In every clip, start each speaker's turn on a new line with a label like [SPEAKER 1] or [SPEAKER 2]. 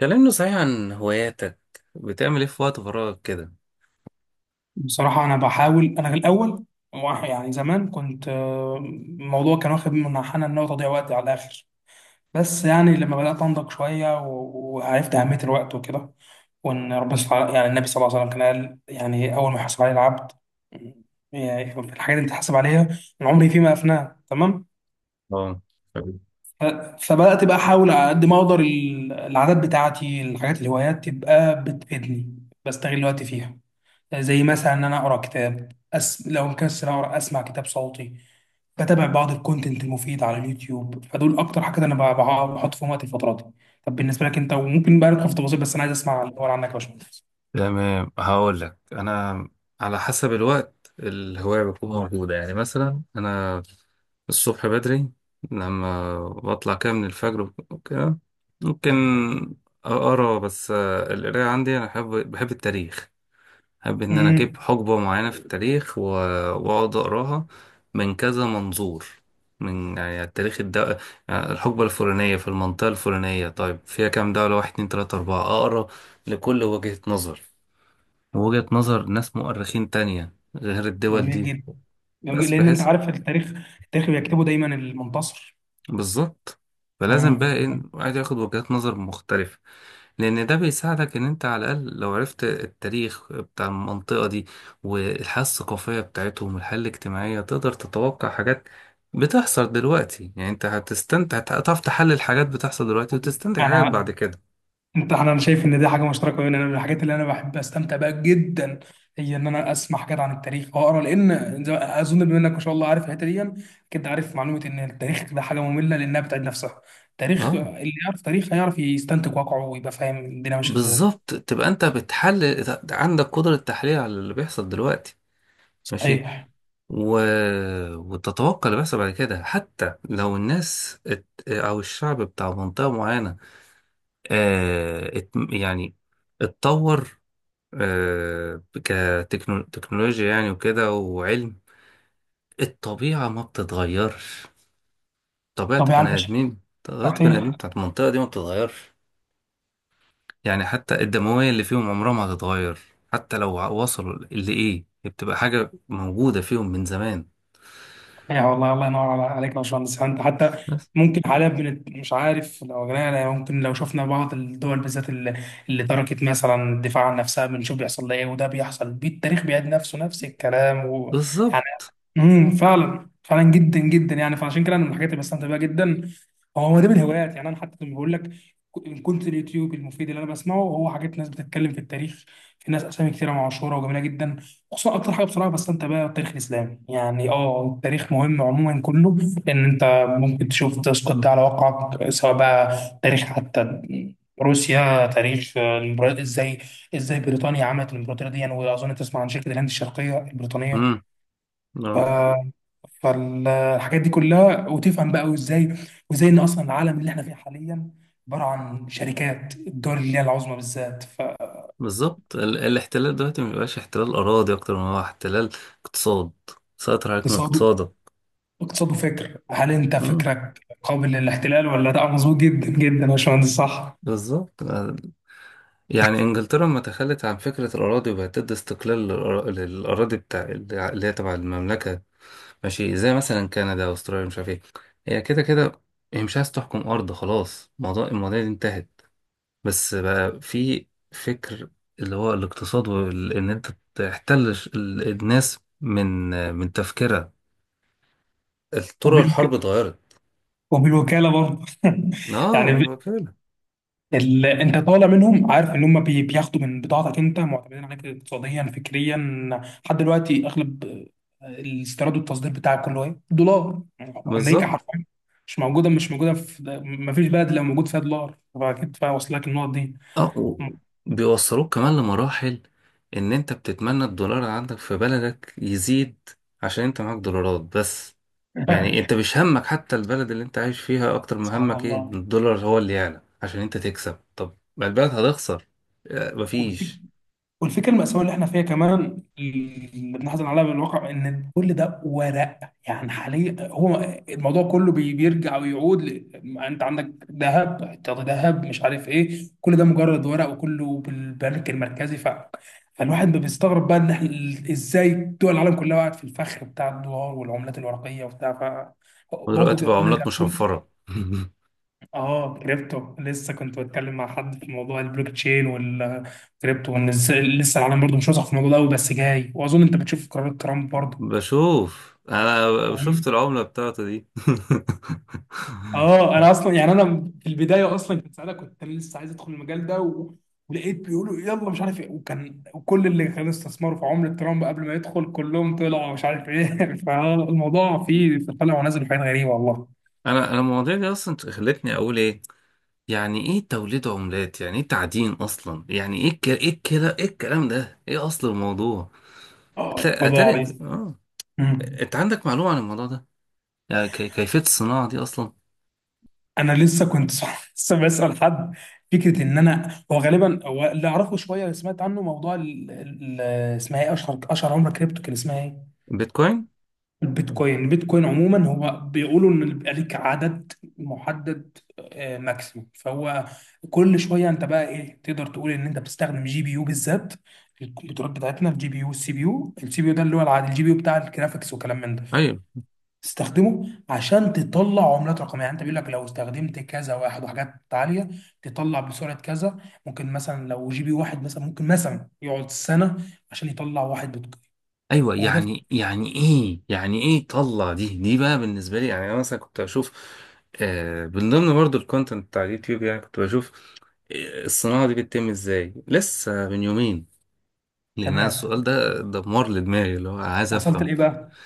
[SPEAKER 1] كلمني صحيح عن هواياتك. بتعمل ايه في وقت فراغك كده؟
[SPEAKER 2] بصراحة أنا بحاول. أنا في الأول واحد- يعني زمان كنت الموضوع كان واخد من حنا إن هو تضييع وقت على الآخر. بس يعني لما بدأت أنضج شوية وعرفت أهمية الوقت وكده، وإن يعني النبي صلى الله عليه وسلم كان قال يعني أول ما يحاسب عليه العبد يعني في الحاجات اللي بتحاسب عليها من عمري فيما أفناه. تمام.
[SPEAKER 1] اه،
[SPEAKER 2] ف- فبدأت بقى أحاول على قد ما أقدر العادات بتاعتي الحاجات الهوايات تبقى بتفيدني، بستغل الوقت فيها. زي مثلا ان انا اقرا كتاب لو مكسل اقرا اسمع كتاب صوتي. بتابع بعض الكونتنت المفيد على اليوتيوب، فدول اكتر حاجه انا بحط فيهم وقت الفتره دي. طب بالنسبه لك انت، وممكن بقى ندخل في تفاصيل بس انا عايز اسمع الاول عنك يا باشمهندس.
[SPEAKER 1] تمام، هقول لك انا. على حسب الوقت الهواية بتكون موجودة، يعني مثلا أنا الصبح بدري لما بطلع كده من الفجر وكده ممكن أقرأ بس. القراية عندي أنا بحب التاريخ. أحب إن أنا أجيب
[SPEAKER 2] امم
[SPEAKER 1] حقبة معينة في التاريخ وأقعد أقراها من كذا منظور. من يعني التاريخ الد... يعني الحقبة الفلانية في المنطقة الفلانية، طيب فيها كام دولة؟ واحد، اتنين، تلاتة، أربعة، أقرا لكل وجهة نظر، ووجهة نظر ناس مؤرخين تانية غير الدول
[SPEAKER 2] جميل
[SPEAKER 1] دي.
[SPEAKER 2] جدا. جميل
[SPEAKER 1] بس
[SPEAKER 2] جداً، لان انت
[SPEAKER 1] بحيث
[SPEAKER 2] عارف التاريخ. التاريخ بيكتبه دايما المنتصر.
[SPEAKER 1] بالظبط. فلازم بقى
[SPEAKER 2] امم
[SPEAKER 1] ايه الواحد ياخد وجهات نظر مختلفة، لأن ده بيساعدك إن أنت على الأقل لو عرفت التاريخ بتاع المنطقة دي والحياة الثقافية بتاعتهم والحياة الاجتماعية تقدر تتوقع حاجات بتحصل دلوقتي. يعني أنت هتستمتع، هتعرف تحلل حاجات بتحصل دلوقتي وتستنتج حاجات بعد
[SPEAKER 2] انا
[SPEAKER 1] كده.
[SPEAKER 2] انت انا أنا شايف ان دي حاجه مشتركه بيننا. انا من الحاجات اللي انا بحب استمتع بيها جدا هي ان انا اسمع حاجات عن التاريخ واقرا، اظن بما انك ما شاء الله عارف الحته دي، كنت عارف معلومه ان التاريخ ده حاجه ممله لانها بتعيد نفسها. التاريخ،
[SPEAKER 1] اه،
[SPEAKER 2] اللي يعرف تاريخ هيعرف يستنتج واقعه ويبقى فاهم الدنيا ماشيه ازاي.
[SPEAKER 1] بالظبط، تبقى أنت بتحلل، عندك قدرة تحليل على اللي بيحصل دلوقتي. ماشي.
[SPEAKER 2] صحيح.
[SPEAKER 1] و... وتتوقع اللي بيحصل بعد كده، حتى لو الناس او الشعب بتاع منطقة معينة يعني اتطور، كتكنولوجيا يعني وكده وعلم. الطبيعة ما بتتغيرش.
[SPEAKER 2] طب يا عم باشا،
[SPEAKER 1] طبيعة بني آدمين
[SPEAKER 2] صحيح.
[SPEAKER 1] بتاعت المنطقة دي ما بتتغيرش. يعني حتى الدموية اللي فيهم عمرها ما هتتغير. حتى لو وصلوا لإيه، هي بتبقى حاجة موجودة فيهم من زمان.
[SPEAKER 2] يا والله، الله ينور عليك يا باشمهندس. انت حتى
[SPEAKER 1] بس.
[SPEAKER 2] ممكن حاليا بنت مش عارف لو جينا ممكن لو شفنا بعض الدول بالذات اللي تركت مثلا الدفاع عن نفسها، بنشوف بيحصل لها ايه. وده بيحصل بيه، التاريخ بيعيد نفسه، نفس الكلام. ويعني
[SPEAKER 1] بالظبط.
[SPEAKER 2] فعلا فعلا جدا جدا يعني. فعشان كده انا من الحاجات اللي بستمتع بيها جدا هو ده من الهوايات. يعني انا حتى لما بقول لك، إن كنت اليوتيوب المفيد اللي انا بسمعه هو حاجات ناس بتتكلم في التاريخ. في ناس اسامي كتيره، معاشره وجميله جدا. خصوصا اكتر حاجه بصراحه بستمتع بيها التاريخ الاسلامي. يعني اه التاريخ مهم عموما كله، لان انت ممكن تشوف تسقط ده على واقعك، سواء بقى تاريخ حتى روسيا، تاريخ ازاي ازاي بريطانيا عملت الامبراطوريه دي يعني. واظن تسمع عن شركه الهند الشرقيه
[SPEAKER 1] مم.
[SPEAKER 2] البريطانيه.
[SPEAKER 1] اه،
[SPEAKER 2] فالحاجات دي كلها، وتفهم بقى وازاي، وازاي ان اصلا العالم اللي احنا فيه حاليا عباره عن شركات الدول اللي هي العظمى بالذات.
[SPEAKER 1] بالظبط. الاحتلال دلوقتي ما بيبقاش احتلال أراضي أكتر ما هو احتلال اقتصاد. سيطر عليك من
[SPEAKER 2] فاقتصاده
[SPEAKER 1] اقتصادك.
[SPEAKER 2] اقتصاده فكر، هل انت
[SPEAKER 1] مم،
[SPEAKER 2] فكرك قابل للاحتلال ولا لا؟ مظبوط جدا جدا يا باشمهندس، صح.
[SPEAKER 1] بالظبط. يعني إنجلترا لما تخلت عن فكرة الأراضي وبقت تدي استقلال للأراضي بتاع اللي هي تبع المملكة، ماشي، زي مثلا كندا وأستراليا مش عارف إيه. هي كده كده. هي مش عايز تحكم أرض، خلاص موضوع المواضيع دي انتهت. بس بقى في فكر اللي هو الاقتصاد، وإن أنت تحتل الناس من تفكيرها. طرق
[SPEAKER 2] وبالوك...
[SPEAKER 1] الحرب اتغيرت.
[SPEAKER 2] وبالوكاله برضه
[SPEAKER 1] اه،
[SPEAKER 2] يعني
[SPEAKER 1] ما فعلا.
[SPEAKER 2] انت طالع منهم عارف ان هم بياخدوا من بضاعتك، انت معتمدين عليك اقتصاديا فكريا لحد دلوقتي. اغلب الاستيراد والتصدير بتاعك كله ايه؟ دولار. امريكا
[SPEAKER 1] بالظبط.
[SPEAKER 2] حرفيا. مش موجوده مش موجوده في ما فيش بلد لو موجود فيها دولار فاكيد واصل لك النقط دي.
[SPEAKER 1] اه، بيوصلوك كمان لمراحل ان انت بتتمنى الدولار اللي عندك في بلدك يزيد عشان انت معاك دولارات بس. يعني انت مش همك حتى البلد اللي انت عايش فيها اكتر ما همك
[SPEAKER 2] سبحان
[SPEAKER 1] ايه إن الدولار هو اللي يعلى عشان انت تكسب. طب ما البلد هتخسر.
[SPEAKER 2] الله.
[SPEAKER 1] مفيش.
[SPEAKER 2] والفكره المأساوية اللي احنا فيها كمان اللي بنحزن عليها بالواقع، ان كل ده ورق. يعني حاليا هو الموضوع كله بيرجع ويعود انت عندك ذهب احتياطي، ذهب مش عارف ايه، كل ده مجرد ورق وكله بالبنك المركزي. فالواحد ما بيستغرب بقى ان احنا ازاي دول العالم كلها وقعت في الفخ بتاع الدولار والعملات الورقيه وبتاع. ف برضه
[SPEAKER 1] ودلوقتي بقى
[SPEAKER 2] نرجع،
[SPEAKER 1] عملات مشفرة
[SPEAKER 2] اه كريبتو. لسه كنت بتكلم مع حد في موضوع البلوك تشين والكريبتو، وان لسه العالم برضه مش واثق في الموضوع ده قوي، بس جاي. واظن انت بتشوف قرارات ترامب برضه.
[SPEAKER 1] بشوف، انا شفت
[SPEAKER 2] فاهم؟
[SPEAKER 1] العملة بتاعته دي
[SPEAKER 2] اه انا اصلا يعني، انا في البدايه اصلا كنت، ساعتها كنت انا لسه عايز ادخل المجال ده ولقيت بيقولوا يلا مش عارف ايه. وكان وكل اللي كانوا استثمروا في عمله ترامب قبل ما يدخل، كلهم طلعوا مش عارف ايه. فالموضوع فيه طلع ونزل، حاجات غريبه والله.
[SPEAKER 1] انا المواضيع دي اصلا خلتني اقول ايه يعني ايه توليد عملات، يعني ايه تعدين اصلا، يعني ايه الك- ايه الكلا ايه الكلام ده، ايه اصل الموضوع.
[SPEAKER 2] اه
[SPEAKER 1] اتاري
[SPEAKER 2] الموضوع عايز،
[SPEAKER 1] انت عندك معلومة عن الموضوع ده، يعني كيفية الصناعة دي اصلا؟
[SPEAKER 2] انا لسه كنت لسه بسال حد. فكره ان انا هو غالبا هو اللي اعرفه شويه، اللي سمعت عنه موضوع اسمها ايه، اشهر عمله كريبتو كان اسمها ايه،
[SPEAKER 1] بيتكوين.
[SPEAKER 2] البيتكوين. البيتكوين عموما هو بيقولوا ان بيبقى ليك عدد محدد، ماكسيموم. فهو كل شويه انت بقى ايه، تقدر تقول ان انت بتستخدم جي بي يو بالذات. الكمبيوترات بتاعتنا، الجي بي يو والسي بي يو، السي بي يو ده اللي هو العادي، الجي بي يو بتاع الجرافيكس وكلام من ده،
[SPEAKER 1] ايوه،
[SPEAKER 2] تستخدمه عشان تطلع عملات رقميه. يعني انت بيقول لك لو استخدمت كذا واحد وحاجات عاليه تطلع بسرعه كذا. ممكن مثلا لو جي بي واحد مثلا ممكن مثلا يقعد سنه عشان يطلع واحد بتقييم.
[SPEAKER 1] ايوه.
[SPEAKER 2] وده في-
[SPEAKER 1] يعني ايه طلع؟ دي بقى بالنسبة لي. يعني انا مثلا كنت اشوف، من ضمن برضو الكونتنت بتاع اليوتيوب يعني كنت بشوف الصناعة دي بتتم ازاي، لسه من يومين. لان أنا
[SPEAKER 2] تمام،
[SPEAKER 1] السؤال ده دمار لدماغي اللي هو أنا عايز
[SPEAKER 2] وصلت
[SPEAKER 1] افهم.
[SPEAKER 2] لايه بقى؟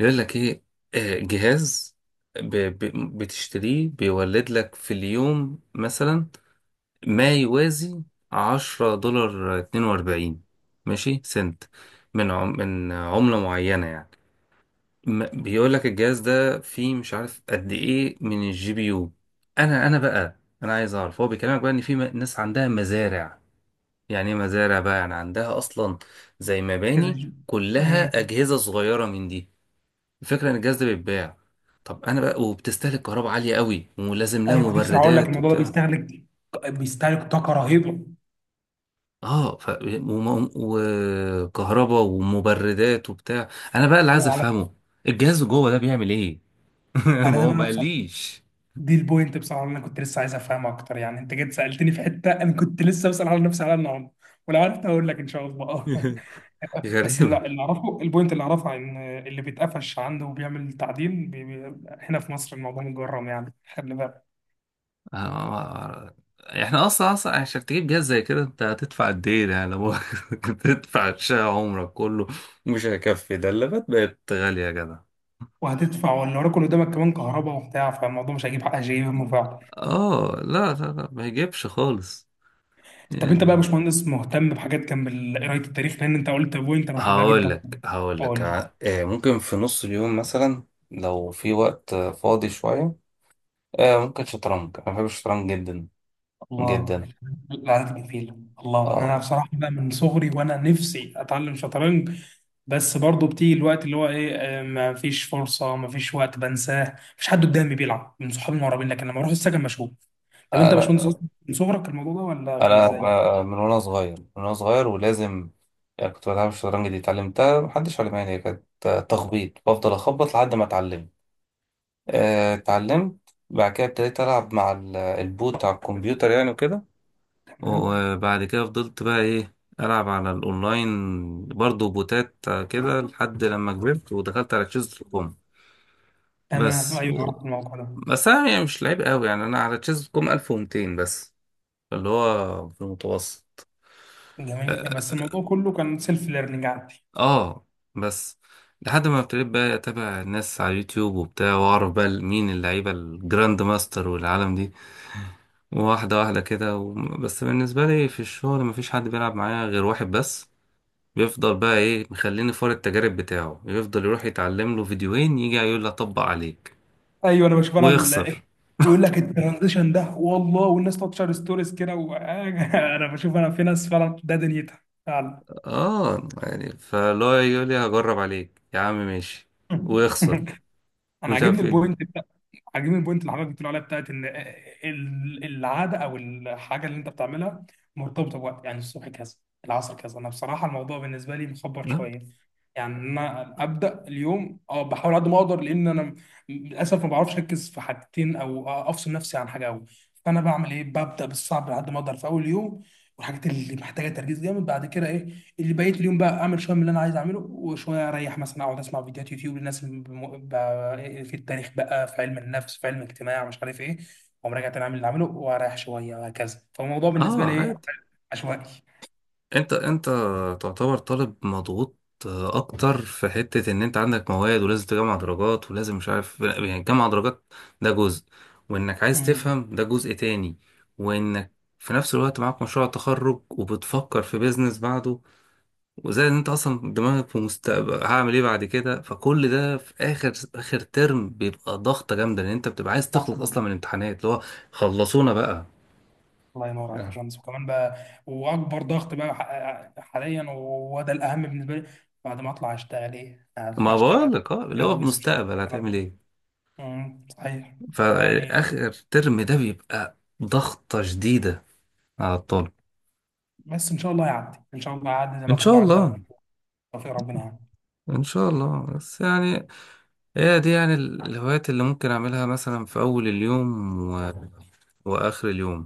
[SPEAKER 1] يقول لك ايه، جهاز ب... ب... بتشتريه بيولد لك في اليوم مثلا ما يوازي 10 دولار 42 ماشي سنت من عملة معينة يعني. بيقول لك الجهاز ده فيه مش عارف قد ايه من الجي بي يو. انا بقى انا عايز اعرف هو بيكلمك بقى ان في ناس عندها مزارع. يعني ايه مزارع بقى؟ يعني عندها اصلا زي
[SPEAKER 2] كذا
[SPEAKER 1] مباني
[SPEAKER 2] جي.
[SPEAKER 1] كلها
[SPEAKER 2] مم.
[SPEAKER 1] اجهزه صغيره من دي. الفكره ان الجهاز ده بيتباع. طب انا بقى، وبتستهلك كهرباء عاليه قوي ولازم لها
[SPEAKER 2] ايوه كنت بصراحه اقول لك،
[SPEAKER 1] مبردات
[SPEAKER 2] الموضوع ده
[SPEAKER 1] وبتاع.
[SPEAKER 2] بيستهلك، بيستهلك طاقه رهيبه.
[SPEAKER 1] اه، وكهرباء ومبردات وبتاع. انا بقى اللي عايز
[SPEAKER 2] وعلى،
[SPEAKER 1] افهمه، الجهاز جوه ده بيعمل ايه؟
[SPEAKER 2] انا
[SPEAKER 1] ما
[SPEAKER 2] ده
[SPEAKER 1] هو ما
[SPEAKER 2] بقى بصراحه
[SPEAKER 1] قاليش.
[SPEAKER 2] دي البوينت بصراحه اللي انا كنت لسه عايز افهمها اكتر. يعني انت جيت سالتني في حته انا كنت لسه بسال على نفسي على النهارده، ولو عرفت هقول لك ان شاء الله. بس اللي
[SPEAKER 1] غريبه.
[SPEAKER 2] اللي اعرفه، البوينت اللي اعرفها ان اللي بيتقفش عنده وبيعمل تعديل بي بي هنا في مصر الموضوع مجرم، يعني خلي بالك.
[SPEAKER 1] احنا اصلا اصلا عشان تجيب جهاز زي كده انت هتدفع قد ايه؟ يعني لو كنت تدفع شقة عمرك كله مش هيكفي. ده اللابات بقت غالية يا جدع.
[SPEAKER 2] وهتدفع، واللي وراك اللي قدامك كمان كهرباء وبتاع، فالموضوع مش هيجيب حق شيء. هم فعلا.
[SPEAKER 1] اه، لا لا لا، ما يجيبش خالص.
[SPEAKER 2] طب انت بقى يا
[SPEAKER 1] يعني
[SPEAKER 2] باشمهندس مهتم بحاجات جنب قرايه التاريخ، لان انت قلت بوينت انا بحبها
[SPEAKER 1] هقول
[SPEAKER 2] جدا،
[SPEAKER 1] لك هقول لك
[SPEAKER 2] قول.
[SPEAKER 1] ممكن في نص اليوم مثلا لو في وقت فاضي شوية. ممكن شطرنج، انا بحب الشطرنج جدا
[SPEAKER 2] الله،
[SPEAKER 1] جدا.
[SPEAKER 2] العادات الكفيلة، الله. أنا بصراحة بقى من صغري وأنا نفسي أتعلم شطرنج، بس برضه بتيجي الوقت اللي هو إيه، ما فيش فرصة، ما فيش وقت، بنساه. مفيش حد قدامي بيلعب من صحابي المقربين، لكن لما أروح السكن مشغول. طب أنت يا باشمهندس
[SPEAKER 1] اه،
[SPEAKER 2] أصلاً من صغرك الموضوع ده ولا كان
[SPEAKER 1] انا
[SPEAKER 2] إزاي؟
[SPEAKER 1] من وانا صغير. ولازم يعني كنت بلعب. الشطرنج دي اتعلمتها، محدش علمها لي، هي كانت تخبيط بفضل اخبط لحد ما اتعلمت. بعد كده ابتديت العب مع البوت بتاع الكمبيوتر يعني وكده.
[SPEAKER 2] تمام.
[SPEAKER 1] وبعد كده فضلت بقى ايه العب على الاونلاين برضو بوتات، كده لحد لما كبرت ودخلت على chess.com.
[SPEAKER 2] تمام
[SPEAKER 1] بس
[SPEAKER 2] أيوه
[SPEAKER 1] و...
[SPEAKER 2] أعرف الموضوع ده.
[SPEAKER 1] بس انا يعني مش لعيب قوي يعني، انا على chess.com 1200 بس، اللي هو في المتوسط.
[SPEAKER 2] جميل، بس الموضوع كله كان سيلف ليرنينج عندي.
[SPEAKER 1] اه، بس لحد ما ابتديت بقى اتابع الناس على اليوتيوب وبتاع واعرف بقى مين اللعيبه، الجراند ماستر والعالم دي، واحده واحده كده. بس بالنسبه لي في الشغل مفيش حد بيلعب معايا غير واحد بس، بيفضل بقى ايه مخليني فار التجارب بتاعه، يفضل يروح يتعلم له فيديوهين يجي يقول لي اطبق عليك
[SPEAKER 2] ايوه انا بشوف انا
[SPEAKER 1] ويخسر.
[SPEAKER 2] ويقول لك الترانزيشن ده والله، والناس تقعد تشير ستوريز كده انا بشوف انا في ناس فعلا ده دنيتها فعلا.
[SPEAKER 1] اه، يعني فلو يقول لي هجرب عليك يا عم، ماشي، ويخسر
[SPEAKER 2] انا
[SPEAKER 1] مش
[SPEAKER 2] عاجبني
[SPEAKER 1] عارف
[SPEAKER 2] البوينت.
[SPEAKER 1] ايه.
[SPEAKER 2] عاجبني البوينت اللي حضرتك بتقول عليها بتاعت ان العاده او الحاجه اللي انت بتعملها مرتبطه بوقت، يعني الصبح كذا، العصر كذا. انا بصراحه الموضوع بالنسبه لي مخبر
[SPEAKER 1] اه.
[SPEAKER 2] شويه. يعني انا ابدا اليوم اه بحاول قد ما اقدر، لان انا للاسف ما بعرفش اركز في حاجتين او افصل نفسي عن حاجه قوي. فانا بعمل ايه، ببدا بالصعب على قد ما اقدر في اول يوم، والحاجات اللي محتاجه تركيز جامد. بعد كده إيه؟ اللي بقيت اليوم بقى اعمل شويه من اللي انا عايز اعمله وشويه اريح، مثلا اقعد اسمع فيديوهات يوتيوب للناس اللي في التاريخ بقى، في علم النفس، في علم الاجتماع، مش عارف ايه. واقوم راجع تاني اعمل اللي عامله واريح شويه، وهكذا. فالموضوع بالنسبه لي ايه،
[SPEAKER 1] عادي.
[SPEAKER 2] عشوائي.
[SPEAKER 1] انت تعتبر طالب مضغوط اكتر في حتة ان انت عندك مواد ولازم تجمع درجات ولازم مش عارف يعني تجمع درجات، ده جزء، وانك عايز
[SPEAKER 2] امم
[SPEAKER 1] تفهم ده جزء تاني، وانك في نفس الوقت معاك مشروع تخرج وبتفكر في بيزنس بعده، وزي ان انت اصلا دماغك في مستقبل هعمل ايه بعد كده. فكل ده في اخر اخر ترم بيبقى ضغطة جامدة لان انت بتبقى عايز
[SPEAKER 2] صح.
[SPEAKER 1] تخلص اصلا من الامتحانات اللي هو خلصونا بقى.
[SPEAKER 2] الله ينور عليك يا
[SPEAKER 1] آه.
[SPEAKER 2] باشمهندس. وكمان بقى، واكبر ضغط بقى حاليا وده الاهم بالنسبه لي، بعد ما اطلع اشتغل ايه،
[SPEAKER 1] ما
[SPEAKER 2] هشتغل،
[SPEAKER 1] بقولك، اه، اللي هو
[SPEAKER 2] اتجوز، مش
[SPEAKER 1] مستقبل
[SPEAKER 2] الكلام
[SPEAKER 1] هتعمل
[SPEAKER 2] ده.
[SPEAKER 1] ايه.
[SPEAKER 2] صحيح يعني.
[SPEAKER 1] فآخر ترم ده بيبقى ضغطة شديدة على الطالب.
[SPEAKER 2] بس ان شاء الله يعدي، ان شاء الله يعدي زي
[SPEAKER 1] إن
[SPEAKER 2] ما كله
[SPEAKER 1] شاء
[SPEAKER 2] عدى،
[SPEAKER 1] الله.
[SPEAKER 2] وتوفيق ربنا يعني.
[SPEAKER 1] إن شاء الله. بس يعني هي دي يعني الهوايات اللي ممكن أعملها مثلا في أول اليوم وآخر اليوم.